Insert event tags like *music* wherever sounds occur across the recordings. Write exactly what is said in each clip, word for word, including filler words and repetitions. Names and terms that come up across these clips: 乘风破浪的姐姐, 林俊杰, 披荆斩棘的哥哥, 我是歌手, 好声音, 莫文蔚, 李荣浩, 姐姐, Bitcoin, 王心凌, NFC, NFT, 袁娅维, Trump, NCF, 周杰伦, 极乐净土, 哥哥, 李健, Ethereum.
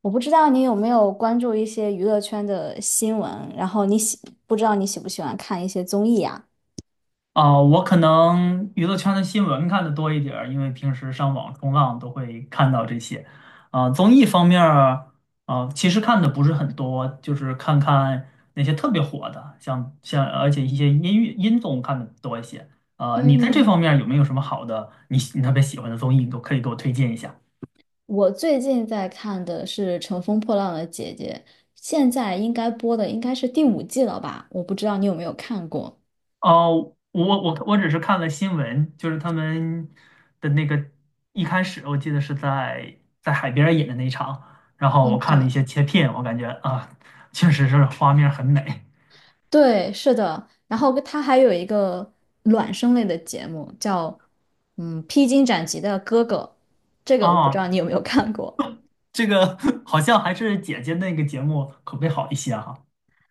我不知道你有没有关注一些娱乐圈的新闻，然后你喜，不知道你喜不喜欢看一些综艺啊？啊，我可能娱乐圈的新闻看的多一点儿，因为平时上网冲浪都会看到这些。啊，综艺方面儿，啊，其实看的不是很多，就是看看那些特别火的，像像而且一些音乐音综看的多一些。啊，你在这嗯，方面有没有什么好的，你喜你特别喜欢的综艺，你都可以给我推荐一下。我最近在看的是《乘风破浪的姐姐》，现在应该播的应该是第五季了吧？我不知道你有没有看过。哦，我我我只是看了新闻，就是他们的那个一开始，我记得是在在海边儿演的那一场，然后嗯，我看了一对，些切片，我感觉啊，确实是画面很美。对，是的。然后它还有一个卵生类的节目，叫嗯《披荆斩棘的哥哥》，这个我不知道啊，你有没有看过。这个 *laughs* 好像还是姐姐那个节目口碑好一些哈。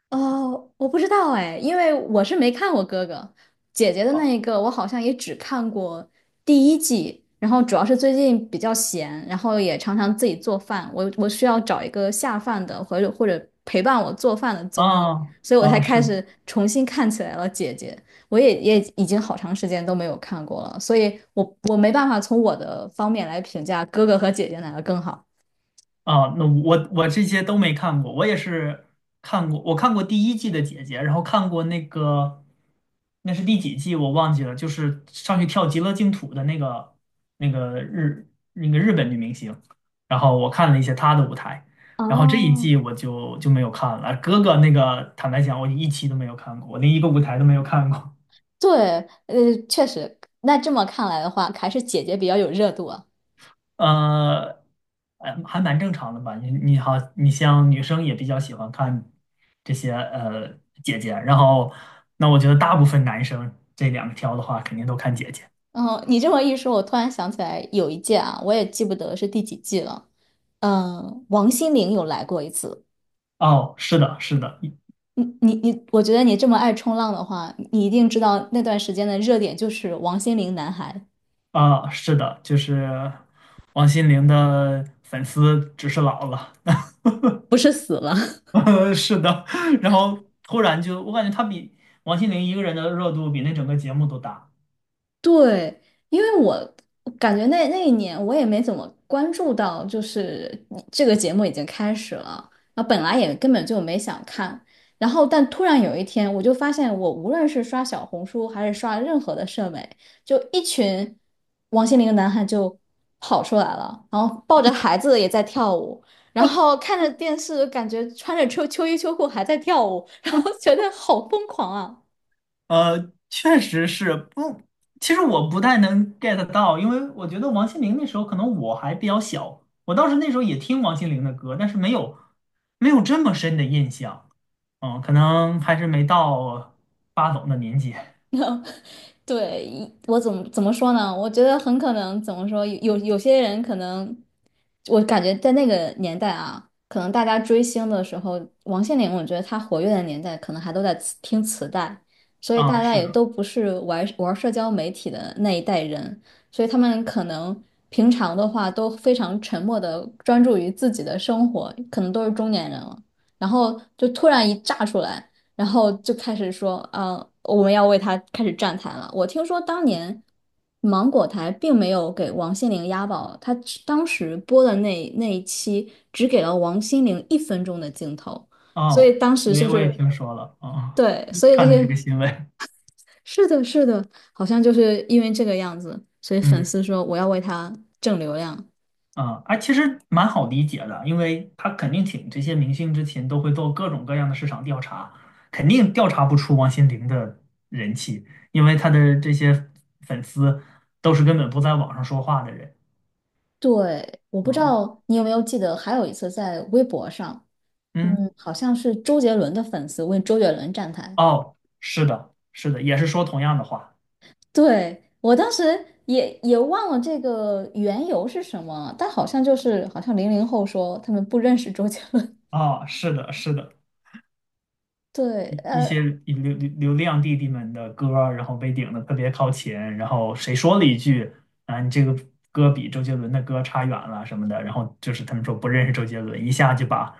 哦，我不知道哎，因为我是没看过哥哥姐姐的那啊一个，我好像也只看过第一季，然后主要是最近比较闲，然后也常常自己做饭，我我需要找一个下饭的或者或者陪伴我做饭的综艺，啊，所以我才啊开是始重新看起来了姐姐，我也也已经好长时间都没有看过了，所以我我没办法从我的方面来评价哥哥和姐姐哪个更好。啊，那我我这些都没看过，我也是看过，我看过第一季的姐姐，然后看过那个，那是第几季我忘记了，就是上去跳极乐净土的那个那个日那个日本女明星，然后我看了一些她的舞台，然后这一哦，季我就就没有看了，哥哥那个坦白讲我一期都没有看过，我连一个舞台都没有看过。对，呃，确实，那这么看来的话，还是姐姐比较有热度啊。呃，还还蛮正常的吧？你你好，你像女生也比较喜欢看这些呃姐姐，然后那我觉得大部分男生这两条的话，肯定都看姐姐。嗯，你这么一说，我突然想起来有一届啊，我也记不得是第几季了。嗯，王心凌有来过一次。哦，是的，是的，你你你，我觉得你这么爱冲浪的话，你一定知道那段时间的热点就是王心凌男孩，啊，是的，就是王心凌的粉丝只是老了，不是死了。*laughs* 呃是的，然后突然就我感觉她比王心凌一个人的热度比那整个节目都大。对，因为我感觉那那一年我也没怎么关注到，就是这个节目已经开始了，然后本来也根本就没想看，然后但突然有一天，我就发现我无论是刷小红书还是刷任何的社媒，就一群王心凌的男孩就跑出来了，然后抱着孩子也在跳舞，然后看着电视，感觉穿着秋秋衣秋裤还在跳舞，*laughs* 然后觉得好疯狂啊！呃，确实是不，其实我不太能 get 到，因为我觉得王心凌那时候可能我还比较小，我当时那时候也听王心凌的歌，但是没有没有这么深的印象，嗯，可能还是没到八懂的年纪 *laughs* 对，一我怎么怎么说呢？我觉得很可能怎么说，有有些人可能，我感觉在那个年代啊，可能大家追星的时候，王心凌，我觉得她活跃的年代，可能还都在磁听磁带，所以啊，大家是也的，都不是玩玩社交媒体的那一代人，所以他们可能平常的话都非常沉默的专注于自己的生活，可能都是中年人了，然后就突然一炸出来。然后就开始说啊，我们要为他开始站台了。我听说当年芒果台并没有给王心凌压宝，他只当时播的那那一期只给了王心凌一分钟的镜头，所以哦，当时我也就我也是听说了啊，对，所 *laughs* 以这看了这个些新闻，是的，是的，好像就是因为这个样子，所以粉嗯。丝说我要为他挣流量。啊，哎，其实蛮好理解的，因为他肯定请这些明星之前都会做各种各样的市场调查，肯定调查不出王心凌的人气，因为他的这些粉丝都是根本不在网上说话的人。对，我不知嗯道你有没有记得，还有一次在微博上，嗯，嗯，好像是周杰伦的粉丝为周杰伦站台。哦，是的，是的，也是说同样的话。对，我当时也也忘了这个缘由是什么，但好像就是好像零零后说他们不认识周杰伦。哦，是的，是的。*laughs* 对，一一呃，些流流流量弟弟们的歌儿然后被顶的特别靠前，然后谁说了一句啊，你这个歌比周杰伦的歌差远了什么的，然后就是他们说不认识周杰伦，一下就把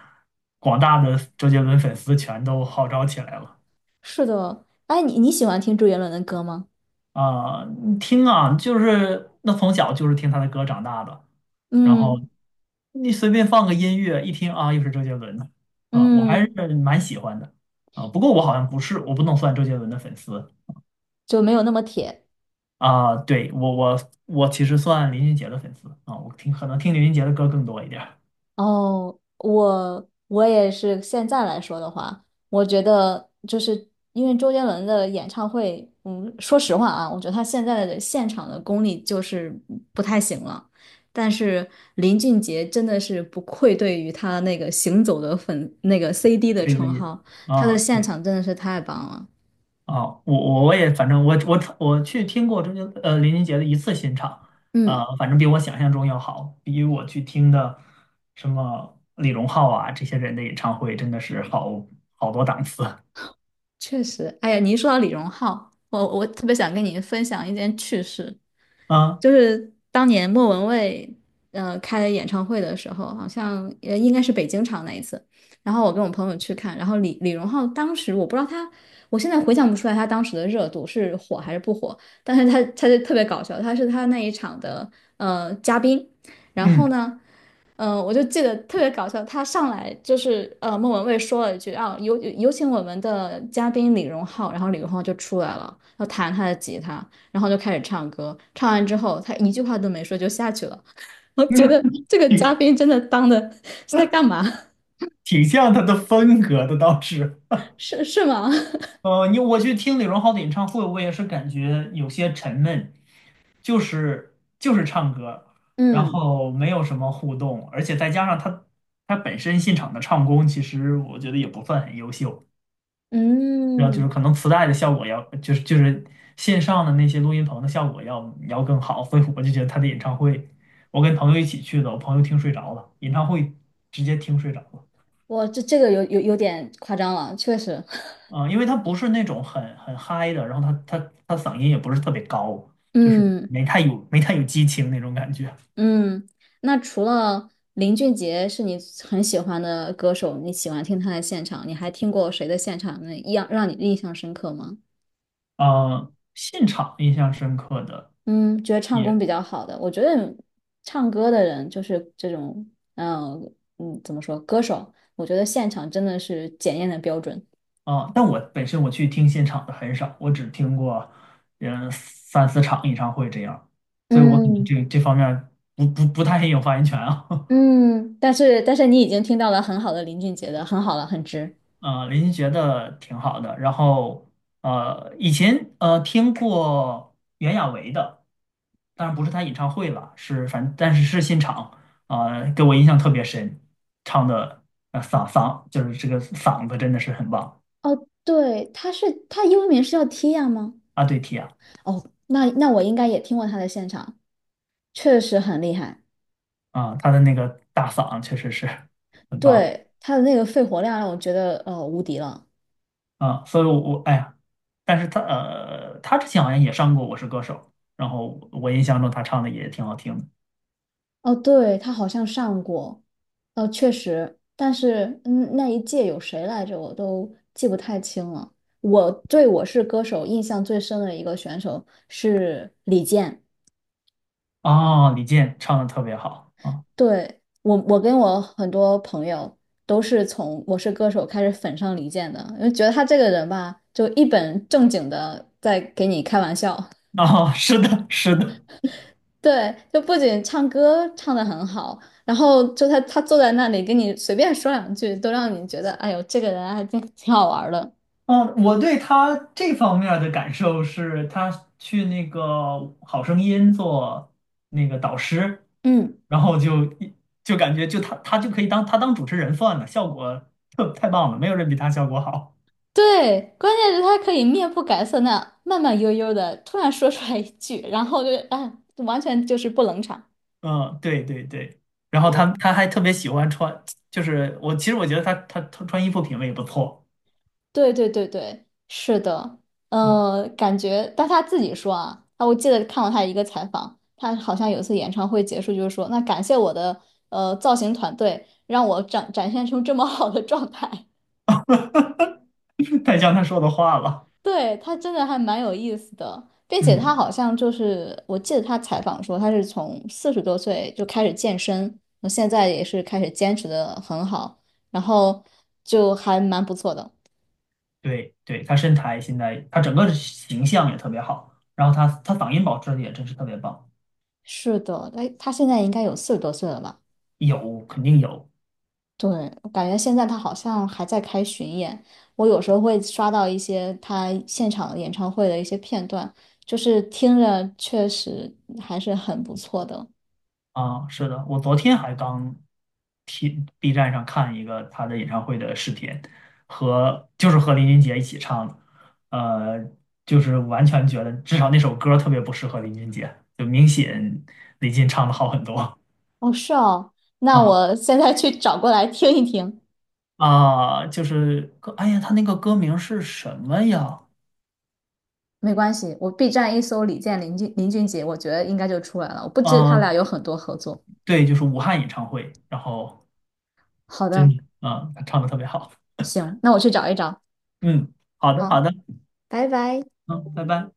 广大的周杰伦粉丝全都号召起来了。是的。哎，你你喜欢听周杰伦的歌吗？啊！你听啊，就是那从小就是听他的歌长大的，然后嗯你随便放个音乐一听啊，又是周杰伦的啊，我还是嗯，蛮喜欢的。啊，不过我好像不是，我不能算周杰伦的粉丝，就没有那么铁。啊，对，我我我其实算林俊杰的粉丝啊，我听可能听林俊杰的歌更多一点儿，哦，我我也是。现在来说的话，我觉得就是因为周杰伦的演唱会，嗯，说实话啊，我觉得他现在的现场的功力就是不太行了。但是林俊杰真的是不愧对于他那个行走的粉那个 C D 的对嗯称于号，他的啊现对场真的是太棒了。啊，我我我也反正我我我去听过周杰呃林俊杰的一次新场，啊，嗯，反正比我想象中要好，比我去听的什么李荣浩啊这些人的演唱会真的是好好多档次确实。哎呀，你一说到李荣浩，我我特别想跟你分享一件趣事。啊，就是当年莫文蔚呃开演唱会的时候，好像呃应该是北京场那一次，然后我跟我朋友去看，然后李李荣浩当时我不知道他，我现在回想不出来他当时的热度是火还是不火，但是他他就特别搞笑，他是他那一场的呃嘉宾，然嗯，后呢。嗯，我就记得特别搞笑，他上来就是呃，莫文蔚说了一句啊，有有请我们的嘉宾李荣浩，然后李荣浩就出来了，要弹他的吉他，然后就开始唱歌，唱完之后他一句话都没说就下去了，*laughs* 我觉得这个嘉挺宾真的当的是在干嘛？挺像他的风格的倒是。*laughs* 是是吗？*laughs* 呃，你我去听李荣浩的演唱会，我也是感觉有些沉闷，就是就是唱歌，然嗯后没有什么互动，而且再加上他他本身现场的唱功，其实我觉得也不算很优秀，然后就嗯，是可能磁带的效果要，就是就是线上的那些录音棚的效果要要更好，所以我就觉得他的演唱会，我跟朋友一起去的，我朋友听睡着了，演唱会直接听睡着了。我这这个有有有点夸张了，确实，嗯，因为他不是那种很很嗨的，然后他他他嗓音也不是特别高，*laughs* 就是嗯。没太有没太有激情那种感觉。嗯，那除了林俊杰是你很喜欢的歌手，你喜欢听他的现场，你还听过谁的现场那一样让你印象深刻吗？嗯，现场印象深刻的嗯，觉得唱功也比较好的，我觉得唱歌的人就是这种，嗯嗯，怎么说，歌手，我觉得现场真的是检验的标准。啊，但我本身我去听现场的很少，我只听过嗯三四场演唱会这样，所以我可能嗯这这方面不不不太很有发言权啊。*laughs* 嗯，但是但是你已经听到了很好的林俊杰的，很好了，很值。呃，林俊杰的挺好的。然后呃，以前呃听过袁娅维的，当然不是她演唱会了，是反但是是现场，啊，给我印象特别深，唱的呃嗓嗓就是这个嗓子真的是很棒哦，对，他是他英文名是叫 Tia 吗？啊，对提啊哦，那那我应该也听过他的现场。确实很厉害，啊，她的那个大嗓确实是很棒对，他的那个肺活量让我觉得呃无敌了。啊，所以我我哎呀，但是她呃她之前好像也上过《我是歌手》，然后我印象中她唱的也挺好听的。哦，对，他好像上过，哦，确实，但是嗯，那一届有谁来着，我都记不太清了。我对《我是歌手》印象最深的一个选手是李健，哦，李健唱的特别好啊。对，我，我跟我很多朋友都是从《我是歌手》开始粉上李健的，因为觉得他这个人吧，就一本正经的在给你开玩笑。*laughs* 哦，是的，是的，对，就不仅唱歌唱的很好，然后就他他坐在那里跟你随便说两句，都让你觉得哎呦，这个人还真挺好玩儿的。嗯，我对他这方面儿的感受是，他去那个好声音做那个导师，嗯，然后就一就感觉就他他就可以当他当主持人算了，效果特太棒了，没有人比他效果好。对，关键是他可以面不改色那慢慢悠悠的突然说出来一句，然后就哎，完全就是不冷场。嗯，对对对，然后他他还特别喜欢穿，就是我其实我觉得他他他穿衣服品味也不错，对对对对，是的，嗯，呃，感觉，但他自己说啊，啊，我记得看过他一个采访，他好像有一次演唱会结束就是说，那感谢我的呃造型团队，让我展展现出这么好的状态。*laughs* 太像他说的话了，*laughs* 对，他真的还蛮有意思的，并且他嗯。好像就是，我记得他采访说他是从四十多岁就开始健身，那现在也是开始坚持的很好，然后就还蛮不错的。对对，他身材现在他整个形象也特别好，然后他他嗓音保持的也真是特别棒，是的，哎，他现在应该有四十多岁了吧？有肯定有对，我感觉现在他好像还在开巡演，我有时候会刷到一些他现场演唱会的一些片段，就是听着确实还是很不错的。啊，是的，我昨天还刚听 B 站上看一个他的演唱会的视频，和就是和林俊杰一起唱的，呃，就是完全觉得至少那首歌特别不适合林俊杰，就明显李俊唱的好很多哦，是哦，那啊我现在去找过来听一听。啊，就是歌，哎呀，他那个歌名是什么呀？没关系，我 B 站一搜李健、林俊、林俊杰，我觉得应该就出来了。我不知他啊，俩有很多合作。对，就是武汉演唱会，然后好的，真，啊、唱的特别好。行，那我去找一找。嗯，好的，好好，的，拜拜。嗯，拜拜。